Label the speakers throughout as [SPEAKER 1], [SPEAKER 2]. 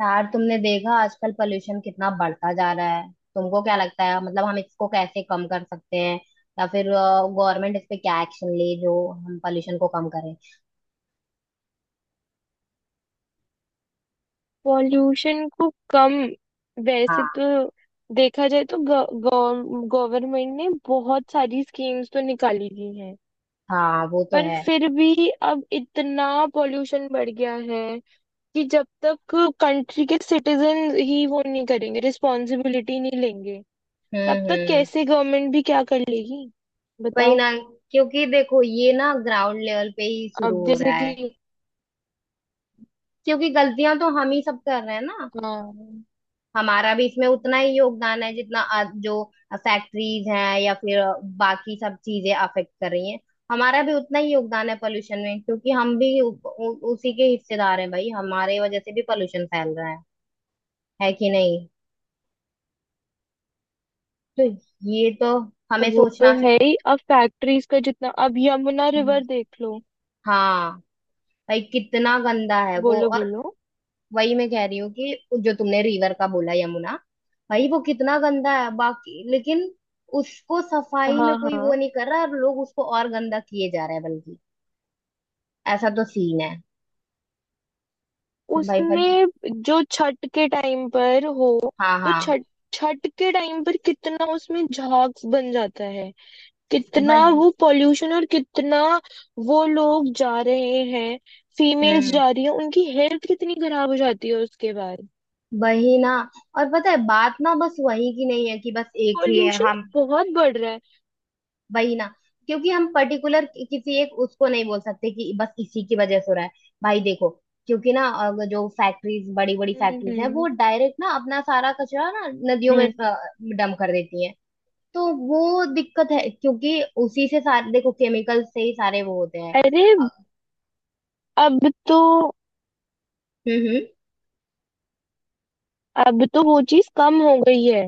[SPEAKER 1] यार तुमने देखा आजकल पोल्यूशन कितना बढ़ता जा रहा है। तुमको क्या लगता है, मतलब हम इसको कैसे कम कर सकते हैं, या फिर गवर्नमेंट इस पे क्या एक्शन ले जो हम पोल्यूशन को कम करें।
[SPEAKER 2] पॉल्यूशन को कम। वैसे
[SPEAKER 1] हाँ।
[SPEAKER 2] तो देखा जाए तो गवर्नमेंट ने बहुत सारी स्कीम्स तो निकाली दी हैं।
[SPEAKER 1] हाँ वो तो
[SPEAKER 2] पर
[SPEAKER 1] है।
[SPEAKER 2] फिर भी अब इतना पॉल्यूशन बढ़ गया है कि जब तक कंट्री के सिटीजन ही वो नहीं करेंगे, रिस्पॉन्सिबिलिटी नहीं लेंगे, तब तक
[SPEAKER 1] हम्म।
[SPEAKER 2] कैसे गवर्नमेंट भी क्या कर लेगी,
[SPEAKER 1] वही
[SPEAKER 2] बताओ।
[SPEAKER 1] ना, क्योंकि देखो ये ना ग्राउंड लेवल पे ही शुरू
[SPEAKER 2] अब
[SPEAKER 1] हो
[SPEAKER 2] जैसे
[SPEAKER 1] रहा
[SPEAKER 2] कि,
[SPEAKER 1] है। क्योंकि गलतियां तो हम ही सब कर रहे हैं ना।
[SPEAKER 2] हाँ
[SPEAKER 1] हमारा भी इसमें उतना ही योगदान है जितना जो फैक्ट्रीज हैं या फिर बाकी सब चीजें अफेक्ट कर रही हैं। हमारा भी उतना ही योगदान है पोल्यूशन में, क्योंकि हम भी उ, उ, उसी के हिस्सेदार हैं। भाई हमारे वजह से भी पोल्यूशन फैल रहा है कि नहीं। तो ये तो हमें
[SPEAKER 2] वो तो
[SPEAKER 1] सोचना
[SPEAKER 2] है
[SPEAKER 1] चाहिए।
[SPEAKER 2] ही। अब फैक्ट्रीज का जितना, अब यमुना
[SPEAKER 1] हम्म।
[SPEAKER 2] रिवर देख लो।
[SPEAKER 1] हाँ। भाई कितना गंदा है वो।
[SPEAKER 2] बोलो
[SPEAKER 1] और
[SPEAKER 2] बोलो।
[SPEAKER 1] वही मैं कह रही हूँ, कि जो तुमने रिवर का बोला, यमुना, भाई वो कितना गंदा है बाकी। लेकिन उसको सफाई
[SPEAKER 2] हाँ
[SPEAKER 1] में कोई वो
[SPEAKER 2] हाँ,
[SPEAKER 1] नहीं कर रहा, और लोग उसको और गंदा किए जा रहे हैं बल्कि। ऐसा तो सीन है कि भाई बल
[SPEAKER 2] उसमें जो छठ के टाइम पर हो
[SPEAKER 1] हाँ
[SPEAKER 2] तो
[SPEAKER 1] हाँ।
[SPEAKER 2] छठ छठ के टाइम पर कितना उसमें झाग बन जाता है, कितना
[SPEAKER 1] वही।
[SPEAKER 2] वो पॉल्यूशन, और कितना वो लोग जा रहे हैं। फीमेल्स
[SPEAKER 1] हम्म।
[SPEAKER 2] जा रही हैं, उनकी हेल्थ कितनी खराब हो जाती है उसके बाद।
[SPEAKER 1] वही ना, और पता है बात ना, बस वही की नहीं है कि बस एक ही है
[SPEAKER 2] पॉल्यूशन
[SPEAKER 1] हम।
[SPEAKER 2] तो बहुत बढ़ रहा है।
[SPEAKER 1] वही ना, क्योंकि हम पर्टिकुलर किसी एक उसको नहीं बोल सकते कि बस इसी की वजह से हो रहा है। भाई देखो, क्योंकि ना अगर जो फैक्ट्रीज, बड़ी बड़ी
[SPEAKER 2] हम्म
[SPEAKER 1] फैक्ट्रीज हैं, वो
[SPEAKER 2] हम्म
[SPEAKER 1] डायरेक्ट ना अपना सारा कचरा ना नदियों में
[SPEAKER 2] हम्म।
[SPEAKER 1] डम कर देती हैं। तो वो दिक्कत है, क्योंकि उसी से सारे, देखो, केमिकल से ही सारे वो होते हैं।
[SPEAKER 2] अरे
[SPEAKER 1] अ,
[SPEAKER 2] अब तो
[SPEAKER 1] हम्म।
[SPEAKER 2] अब तो वो चीज कम हो गई है।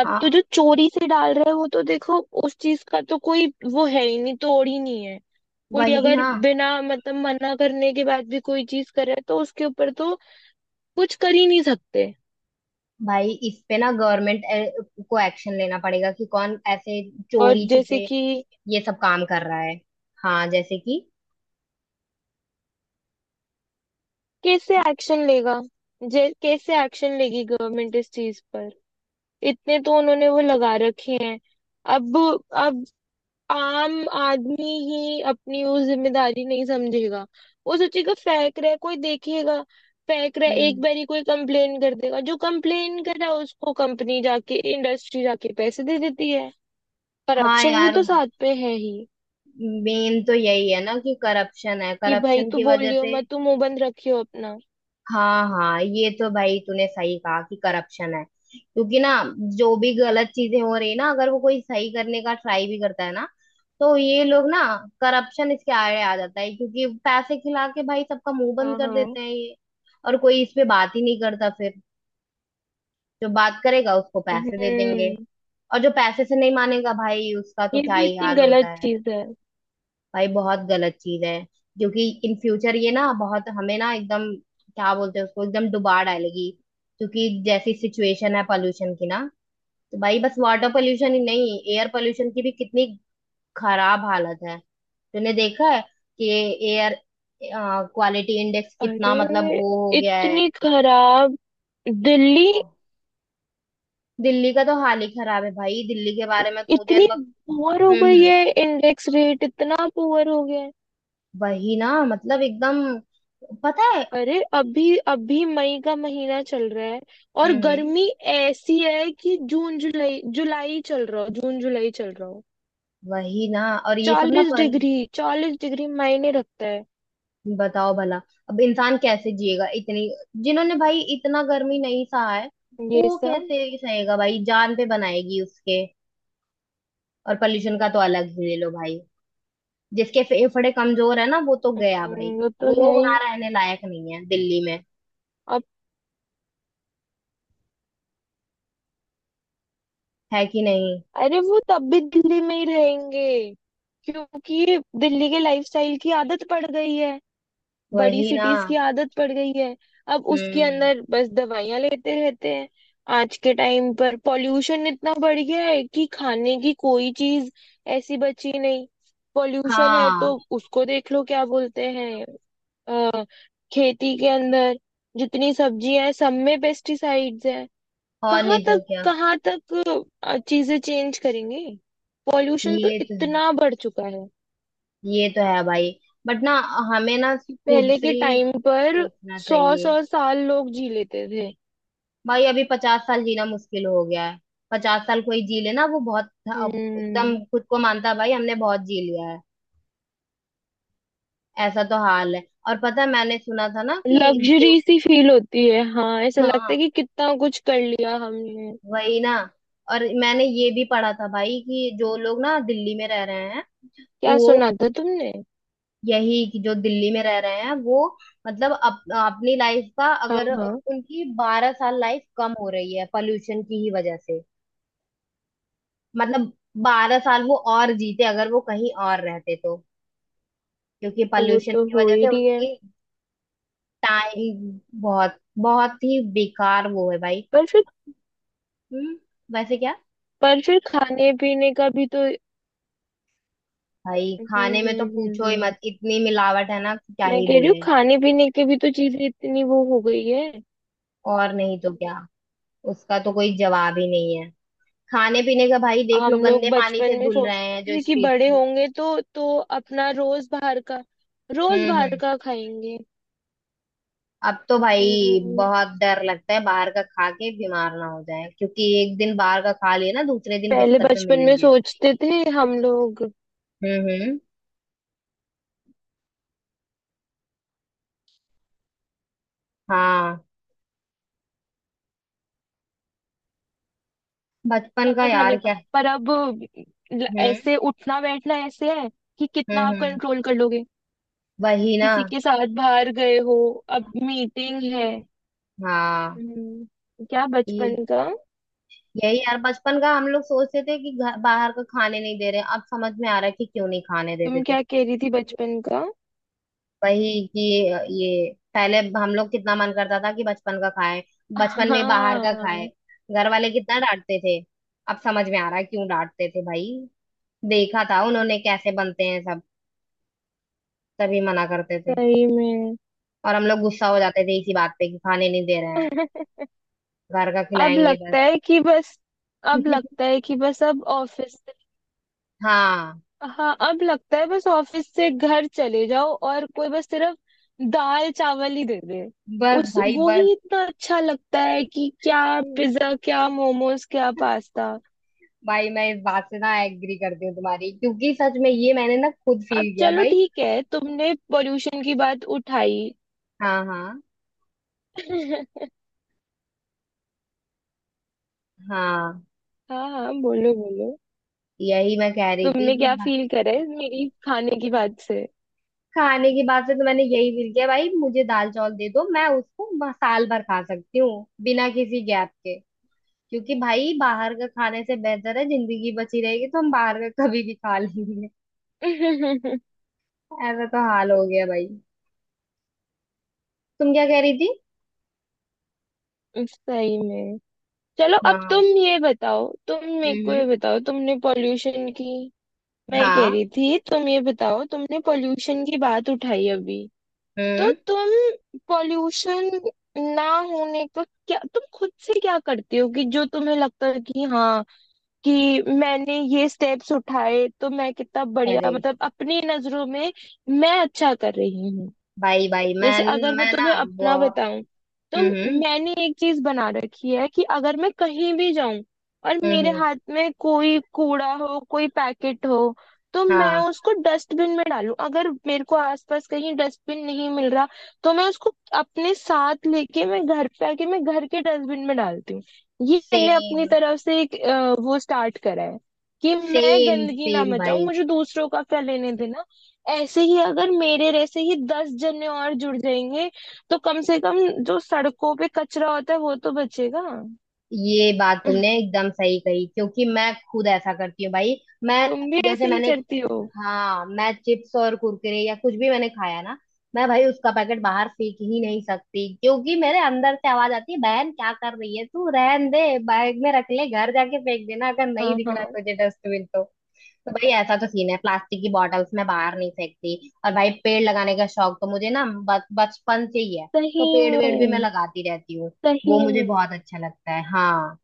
[SPEAKER 2] अब तो
[SPEAKER 1] हाँ।
[SPEAKER 2] जो चोरी से डाल रहा है वो तो देखो, उस चीज का तो कोई वो है ही नहीं, तोड़ ही नहीं है। कोई
[SPEAKER 1] वही
[SPEAKER 2] अगर
[SPEAKER 1] ना।
[SPEAKER 2] बिना मतलब मना करने के बाद भी कोई चीज करे तो उसके ऊपर तो कुछ कर ही नहीं सकते।
[SPEAKER 1] भाई इस पे ना गवर्नमेंट को एक्शन लेना पड़ेगा कि कौन ऐसे
[SPEAKER 2] और
[SPEAKER 1] चोरी
[SPEAKER 2] जैसे
[SPEAKER 1] छुपे
[SPEAKER 2] कि
[SPEAKER 1] ये सब काम कर रहा है। हाँ, जैसे
[SPEAKER 2] कैसे एक्शन लेगा, जे कैसे एक्शन लेगी गवर्नमेंट इस चीज पर। इतने तो उन्होंने वो लगा रखे हैं। अब अब आम आदमी ही अपनी वो जिम्मेदारी नहीं समझेगा। वो सोचेगा फेंक रहा है, कोई देखेगा। फेंक रहा है एक
[SPEAKER 1] कि।
[SPEAKER 2] बारी, कोई कंप्लेन कर देगा। जो कंप्लेन कर रहा है उसको कंपनी जाके, इंडस्ट्री जाके पैसे दे देती है।
[SPEAKER 1] हाँ
[SPEAKER 2] करप्शन भी
[SPEAKER 1] यार,
[SPEAKER 2] तो साथ पे है ही।
[SPEAKER 1] मेन तो यही है ना कि करप्शन है,
[SPEAKER 2] कि भाई
[SPEAKER 1] करप्शन
[SPEAKER 2] तू
[SPEAKER 1] की वजह
[SPEAKER 2] बोलियो
[SPEAKER 1] से।
[SPEAKER 2] मत, तू मुंह बंद रखियो अपना।
[SPEAKER 1] हाँ हाँ, ये तो भाई तूने सही कहा कि करप्शन है। क्योंकि ना, जो भी गलत चीजें हो रही है ना, अगर वो कोई सही करने का ट्राई भी करता है ना, तो ये लोग ना, करप्शन इसके आड़े आ जाता है। क्योंकि पैसे खिला के भाई सबका मुंह बंद
[SPEAKER 2] हाँ
[SPEAKER 1] कर
[SPEAKER 2] हाँ।
[SPEAKER 1] देते हैं ये। और कोई इस पे बात ही नहीं करता फिर। जो बात करेगा उसको पैसे दे देंगे।
[SPEAKER 2] हम्म।
[SPEAKER 1] और जो पैसे से नहीं मानेगा, भाई उसका तो
[SPEAKER 2] ये
[SPEAKER 1] क्या
[SPEAKER 2] भी
[SPEAKER 1] ही
[SPEAKER 2] इतनी
[SPEAKER 1] हाल
[SPEAKER 2] गलत
[SPEAKER 1] होता।
[SPEAKER 2] चीज है।
[SPEAKER 1] भाई बहुत गलत चीज है, क्योंकि इन फ्यूचर ये ना बहुत हमें ना एकदम, क्या बोलते हैं उसको, एकदम डुबा डालेगी। क्योंकि जैसी सिचुएशन है पोल्यूशन की ना, तो भाई बस वाटर पोल्यूशन ही नहीं, एयर पोल्यूशन की भी कितनी खराब हालत है। तूने देखा है कि एयर क्वालिटी इंडेक्स कितना, मतलब,
[SPEAKER 2] अरे
[SPEAKER 1] वो हो गया है।
[SPEAKER 2] इतनी खराब दिल्ली।
[SPEAKER 1] दिल्ली का तो हाल ही खराब है भाई, दिल्ली के बारे में तो मुझे
[SPEAKER 2] इतनी
[SPEAKER 1] लग।
[SPEAKER 2] पुअर हो गई
[SPEAKER 1] हम्म।
[SPEAKER 2] है इंडेक्स रेट, इतना पुअर हो गया है।
[SPEAKER 1] वही ना, मतलब एकदम। पता है।
[SPEAKER 2] अरे अभी अभी मई का महीना चल रहा है, और
[SPEAKER 1] हम्म।
[SPEAKER 2] गर्मी ऐसी है कि जून जुलाई, जुलाई चल रहा हो, जून जुलाई चल रहा हो।
[SPEAKER 1] वही ना, और ये सब ना
[SPEAKER 2] चालीस
[SPEAKER 1] पर।
[SPEAKER 2] डिग्री 40 डिग्री मायने रखता है।
[SPEAKER 1] बताओ भला, अब इंसान कैसे जिएगा इतनी। जिन्होंने भाई इतना गर्मी नहीं सहा है,
[SPEAKER 2] ये
[SPEAKER 1] वो
[SPEAKER 2] सब।
[SPEAKER 1] कैसे सहेगा भाई, जान पे बनाएगी उसके। और पोल्यूशन का तो अलग ही ले लो भाई। जिसके फेफड़े कमजोर है ना, वो तो गया भाई।
[SPEAKER 2] वो तो
[SPEAKER 1] वो
[SPEAKER 2] है
[SPEAKER 1] वहां
[SPEAKER 2] ही।
[SPEAKER 1] रहने लायक नहीं है दिल्ली में,
[SPEAKER 2] अब।
[SPEAKER 1] है कि नहीं।
[SPEAKER 2] अरे वो तब भी दिल्ली में ही रहेंगे क्योंकि दिल्ली के लाइफस्टाइल की आदत पड़ गई है। बड़ी
[SPEAKER 1] वही ना।
[SPEAKER 2] सिटीज की आदत पड़ गई है। अब उसके
[SPEAKER 1] हम्म।
[SPEAKER 2] अंदर बस दवाइयां लेते रहते हैं। आज के टाइम पर पॉल्यूशन इतना बढ़ गया है कि खाने की कोई चीज ऐसी बची नहीं। पॉल्यूशन है
[SPEAKER 1] हाँ।
[SPEAKER 2] तो उसको देख लो, क्या बोलते हैं, अ, खेती के अंदर जितनी सब्जियां हैं सब में पेस्टिसाइड्स हैं।
[SPEAKER 1] और
[SPEAKER 2] कहाँ
[SPEAKER 1] नहीं
[SPEAKER 2] तक,
[SPEAKER 1] तो क्या।
[SPEAKER 2] कहाँ तक चीजें चेंज करेंगे। पॉल्यूशन तो
[SPEAKER 1] ये तो,
[SPEAKER 2] इतना बढ़ चुका है
[SPEAKER 1] ये तो है भाई। बट ना, हमें ना
[SPEAKER 2] कि
[SPEAKER 1] खुद
[SPEAKER 2] पहले
[SPEAKER 1] से
[SPEAKER 2] के
[SPEAKER 1] ही
[SPEAKER 2] टाइम पर
[SPEAKER 1] सोचना
[SPEAKER 2] सौ
[SPEAKER 1] चाहिए।
[SPEAKER 2] सौ साल लोग जी लेते थे।
[SPEAKER 1] भाई अभी 50 साल जीना मुश्किल हो गया है। 50 साल कोई जी ले ना वो बहुत। अब एकदम
[SPEAKER 2] हम्म।
[SPEAKER 1] खुद को मानता है भाई हमने बहुत जी लिया है। ऐसा तो हाल है। और पता है, मैंने सुना था ना कि जो।
[SPEAKER 2] लग्जरी सी फील होती है, हाँ। ऐसा लगता
[SPEAKER 1] हाँ।
[SPEAKER 2] है कि कितना कुछ कर लिया हमने।
[SPEAKER 1] वही ना। और मैंने ये भी पढ़ा था भाई कि जो लोग ना दिल्ली में रह रहे हैं,
[SPEAKER 2] क्या
[SPEAKER 1] वो,
[SPEAKER 2] सुना था तुमने?
[SPEAKER 1] यही कि जो दिल्ली में रह रहे हैं वो, मतलब अपनी लाइफ का,
[SPEAKER 2] हाँ
[SPEAKER 1] अगर
[SPEAKER 2] हाँ।
[SPEAKER 1] उनकी 12 साल लाइफ कम हो रही है पॉल्यूशन की ही वजह से। मतलब 12 साल वो और जीते अगर वो कहीं और रहते तो। क्योंकि
[SPEAKER 2] वो
[SPEAKER 1] पॉल्यूशन
[SPEAKER 2] तो
[SPEAKER 1] की
[SPEAKER 2] हो
[SPEAKER 1] वजह
[SPEAKER 2] ही
[SPEAKER 1] से
[SPEAKER 2] रही है।
[SPEAKER 1] उनकी टाइम बहुत, बहुत ही बेकार वो है भाई।
[SPEAKER 2] पर फिर,
[SPEAKER 1] हम्म। वैसे क्या।
[SPEAKER 2] पर फिर खाने पीने का भी तो।
[SPEAKER 1] भाई खाने में तो पूछो ही
[SPEAKER 2] हम्म।
[SPEAKER 1] मत, इतनी मिलावट है ना कि क्या
[SPEAKER 2] मैं
[SPEAKER 1] ही
[SPEAKER 2] कह रही हूँ,
[SPEAKER 1] बोले।
[SPEAKER 2] खाने पीने की भी तो चीजें इतनी वो हो गई है।
[SPEAKER 1] और नहीं तो क्या। उसका तो कोई जवाब ही नहीं है। खाने पीने का भाई देख
[SPEAKER 2] हम
[SPEAKER 1] लो,
[SPEAKER 2] लोग
[SPEAKER 1] गंदे पानी
[SPEAKER 2] बचपन
[SPEAKER 1] से
[SPEAKER 2] में
[SPEAKER 1] धुल रहे
[SPEAKER 2] सोचते
[SPEAKER 1] हैं जो
[SPEAKER 2] थे कि
[SPEAKER 1] स्ट्रीट
[SPEAKER 2] बड़े
[SPEAKER 1] फूड।
[SPEAKER 2] होंगे तो अपना रोज बाहर का, रोज बाहर
[SPEAKER 1] हम्म।
[SPEAKER 2] का खाएंगे।
[SPEAKER 1] अब तो भाई
[SPEAKER 2] हम्म।
[SPEAKER 1] बहुत डर लगता है बाहर का खा के, बीमार ना हो जाए, क्योंकि एक दिन बाहर का खा लिया ना, दूसरे दिन
[SPEAKER 2] पहले
[SPEAKER 1] बिस्तर पे
[SPEAKER 2] बचपन में
[SPEAKER 1] मिलेंगे।
[SPEAKER 2] सोचते थे हम लोग।
[SPEAKER 1] हम्म। हाँ। बचपन का
[SPEAKER 2] है
[SPEAKER 1] यार
[SPEAKER 2] खाने का,
[SPEAKER 1] क्या।
[SPEAKER 2] पर अब
[SPEAKER 1] हम्म
[SPEAKER 2] ऐसे उठना बैठना ऐसे है कि कितना आप
[SPEAKER 1] हम्म।
[SPEAKER 2] कंट्रोल कर लोगे।
[SPEAKER 1] वही ना।
[SPEAKER 2] किसी के साथ बाहर गए हो, अब मीटिंग है।
[SPEAKER 1] हाँ।
[SPEAKER 2] क्या
[SPEAKER 1] ये
[SPEAKER 2] बचपन का।
[SPEAKER 1] यही यार, बचपन का हम लोग सोचते थे कि घर बाहर का खाने नहीं दे रहे, अब समझ में आ रहा है कि क्यों नहीं खाने देते
[SPEAKER 2] तुम
[SPEAKER 1] थे।
[SPEAKER 2] क्या कह रही थी बचपन का?
[SPEAKER 1] वही कि, ये, पहले हम लोग कितना मन करता था कि बचपन का खाएं, बचपन में बाहर
[SPEAKER 2] हाँ।
[SPEAKER 1] का खाएं। घर वाले कितना डांटते थे। अब समझ में आ रहा है क्यों डांटते थे भाई, देखा था उन्होंने कैसे बनते हैं सब, तभी मना करते थे।
[SPEAKER 2] सही में।
[SPEAKER 1] और हम लोग गुस्सा हो जाते थे इसी बात पे कि खाने नहीं दे रहे हैं। घर का
[SPEAKER 2] अब
[SPEAKER 1] खिलाएंगे बस।
[SPEAKER 2] लगता है कि बस अब लगता है कि बस अब ऑफिस
[SPEAKER 1] हाँ।
[SPEAKER 2] हाँ, अब लगता है बस ऑफिस से घर चले जाओ और कोई बस सिर्फ दाल चावल ही दे दे।
[SPEAKER 1] बस
[SPEAKER 2] उस
[SPEAKER 1] भाई
[SPEAKER 2] वो
[SPEAKER 1] बस।
[SPEAKER 2] ही इतना अच्छा लगता है कि क्या पिज्जा, क्या मोमोज, क्या पास्ता।
[SPEAKER 1] भाई मैं इस बात से ना एग्री करती हूँ तुम्हारी, क्योंकि सच में ये मैंने ना खुद
[SPEAKER 2] अब
[SPEAKER 1] फील किया
[SPEAKER 2] चलो
[SPEAKER 1] भाई।
[SPEAKER 2] ठीक है, तुमने पोल्यूशन की बात उठाई।
[SPEAKER 1] हाँ हाँ। हाँ।
[SPEAKER 2] हाँ हाँ, बोलो बोलो।
[SPEAKER 1] यही मैं कह रही थी
[SPEAKER 2] तुमने
[SPEAKER 1] कि
[SPEAKER 2] क्या फील करा है मेरी खाने की बात से?
[SPEAKER 1] खाने की बात से तो मैंने यही फील किया भाई, मुझे दाल चावल दे दो मैं उसको साल भर खा सकती हूँ बिना किसी गैप के। क्योंकि भाई बाहर का खाने से बेहतर है, जिंदगी बची रहेगी तो हम बाहर का कभी भी खा लेंगे।
[SPEAKER 2] सही
[SPEAKER 1] ऐसा तो हाल हो गया भाई। तुम क्या कह रही थी।
[SPEAKER 2] में। चलो अब
[SPEAKER 1] हाँ।
[SPEAKER 2] तुम ये बताओ तुम मेरे को
[SPEAKER 1] हम्म।
[SPEAKER 2] ये बताओ, तुमने पोल्यूशन की मैं कह
[SPEAKER 1] हाँ।
[SPEAKER 2] रही थी तुम ये बताओ, तुमने पोल्यूशन की बात उठाई अभी। तो
[SPEAKER 1] हम्म।
[SPEAKER 2] तुम पोल्यूशन ना होने का क्या, तुम खुद से क्या करते हो कि जो तुम्हें लगता है कि, हाँ, कि मैंने ये स्टेप्स उठाए तो मैं कितना बढ़िया,
[SPEAKER 1] अरे।
[SPEAKER 2] मतलब अपनी नजरों में मैं अच्छा कर रही हूँ।
[SPEAKER 1] भाई भाई मैं
[SPEAKER 2] जैसे अगर मैं
[SPEAKER 1] मैं ना।
[SPEAKER 2] तुम्हें अपना बताऊं तो
[SPEAKER 1] हम्म
[SPEAKER 2] मैंने एक चीज बना रखी है कि अगर मैं कहीं भी जाऊं और मेरे
[SPEAKER 1] हम्म।
[SPEAKER 2] हाथ में कोई कूड़ा हो, कोई पैकेट हो, तो मैं
[SPEAKER 1] हाँ।
[SPEAKER 2] उसको डस्टबिन में डालूं। अगर मेरे को आसपास कहीं डस्टबिन नहीं मिल रहा तो मैं उसको अपने साथ लेके, मैं घर पे आके मैं घर के डस्टबिन में डालती हूँ। ये मैंने
[SPEAKER 1] सेम।
[SPEAKER 2] अपनी तरफ से एक वो स्टार्ट करा है, कि मैं
[SPEAKER 1] सेम
[SPEAKER 2] गंदगी ना
[SPEAKER 1] सेम
[SPEAKER 2] मचाऊं,
[SPEAKER 1] भाई।
[SPEAKER 2] मुझे दूसरों का क्या लेने देना। ऐसे ही अगर मेरे जैसे ही 10 जने और जुड़ जाएंगे तो कम से कम जो सड़कों पे कचरा होता है वो तो बचेगा।
[SPEAKER 1] ये बात तुमने एकदम सही कही, क्योंकि मैं खुद ऐसा करती हूँ भाई। मैं,
[SPEAKER 2] तुम भी
[SPEAKER 1] जैसे
[SPEAKER 2] ऐसे ही
[SPEAKER 1] मैंने,
[SPEAKER 2] करती हो?
[SPEAKER 1] हाँ मैं चिप्स और कुरकुरे या कुछ भी मैंने खाया ना, मैं भाई उसका पैकेट बाहर फेंक ही नहीं सकती, क्योंकि मेरे अंदर से आवाज आती है, बहन क्या कर रही है तू, रहन दे, बैग में रख ले घर जाके फेंक देना, अगर नहीं
[SPEAKER 2] हाँ
[SPEAKER 1] दिख रहा
[SPEAKER 2] हाँ।
[SPEAKER 1] तुझे डस्टबिन तो। तो भाई ऐसा तो सीन है, प्लास्टिक की बॉटल्स मैं बाहर नहीं फेंकती। और भाई पेड़ लगाने का शौक तो मुझे ना बचपन से ही है।
[SPEAKER 2] सही
[SPEAKER 1] तो पेड़ वेड़ भी मैं
[SPEAKER 2] में,
[SPEAKER 1] लगाती रहती हूँ। वो
[SPEAKER 2] सही
[SPEAKER 1] मुझे
[SPEAKER 2] में।
[SPEAKER 1] बहुत अच्छा लगता है, हाँ।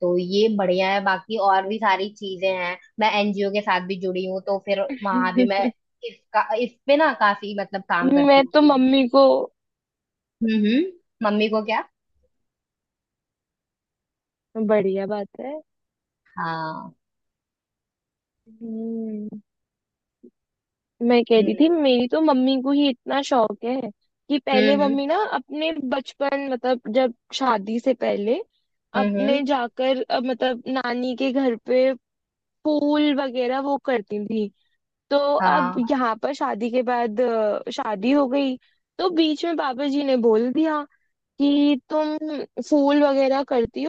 [SPEAKER 1] तो ये बढ़िया है, बाकी और भी सारी चीजें हैं। मैं NGO के साथ भी जुड़ी हूँ, तो फिर वहां भी मैं इसका, इस पे ना काफी मतलब काम करती
[SPEAKER 2] मैं
[SPEAKER 1] हूँ।
[SPEAKER 2] तो मम्मी को,
[SPEAKER 1] हम्म। मम्मी को क्या।
[SPEAKER 2] बढ़िया बात है।
[SPEAKER 1] हाँ।
[SPEAKER 2] हम्म। मैं कह रही
[SPEAKER 1] हम्म
[SPEAKER 2] थी, मेरी तो मम्मी को ही इतना शौक है कि पहले
[SPEAKER 1] हम्म
[SPEAKER 2] मम्मी ना अपने बचपन, मतलब जब शादी से पहले अपने
[SPEAKER 1] हम्म।
[SPEAKER 2] जाकर, मतलब नानी के घर पे पूल वगैरह वो करती थी। तो अब
[SPEAKER 1] हाँ।
[SPEAKER 2] यहाँ पर शादी के बाद, शादी हो गई तो बीच में पापा जी ने बोल दिया कि तुम फूल वगैरह करती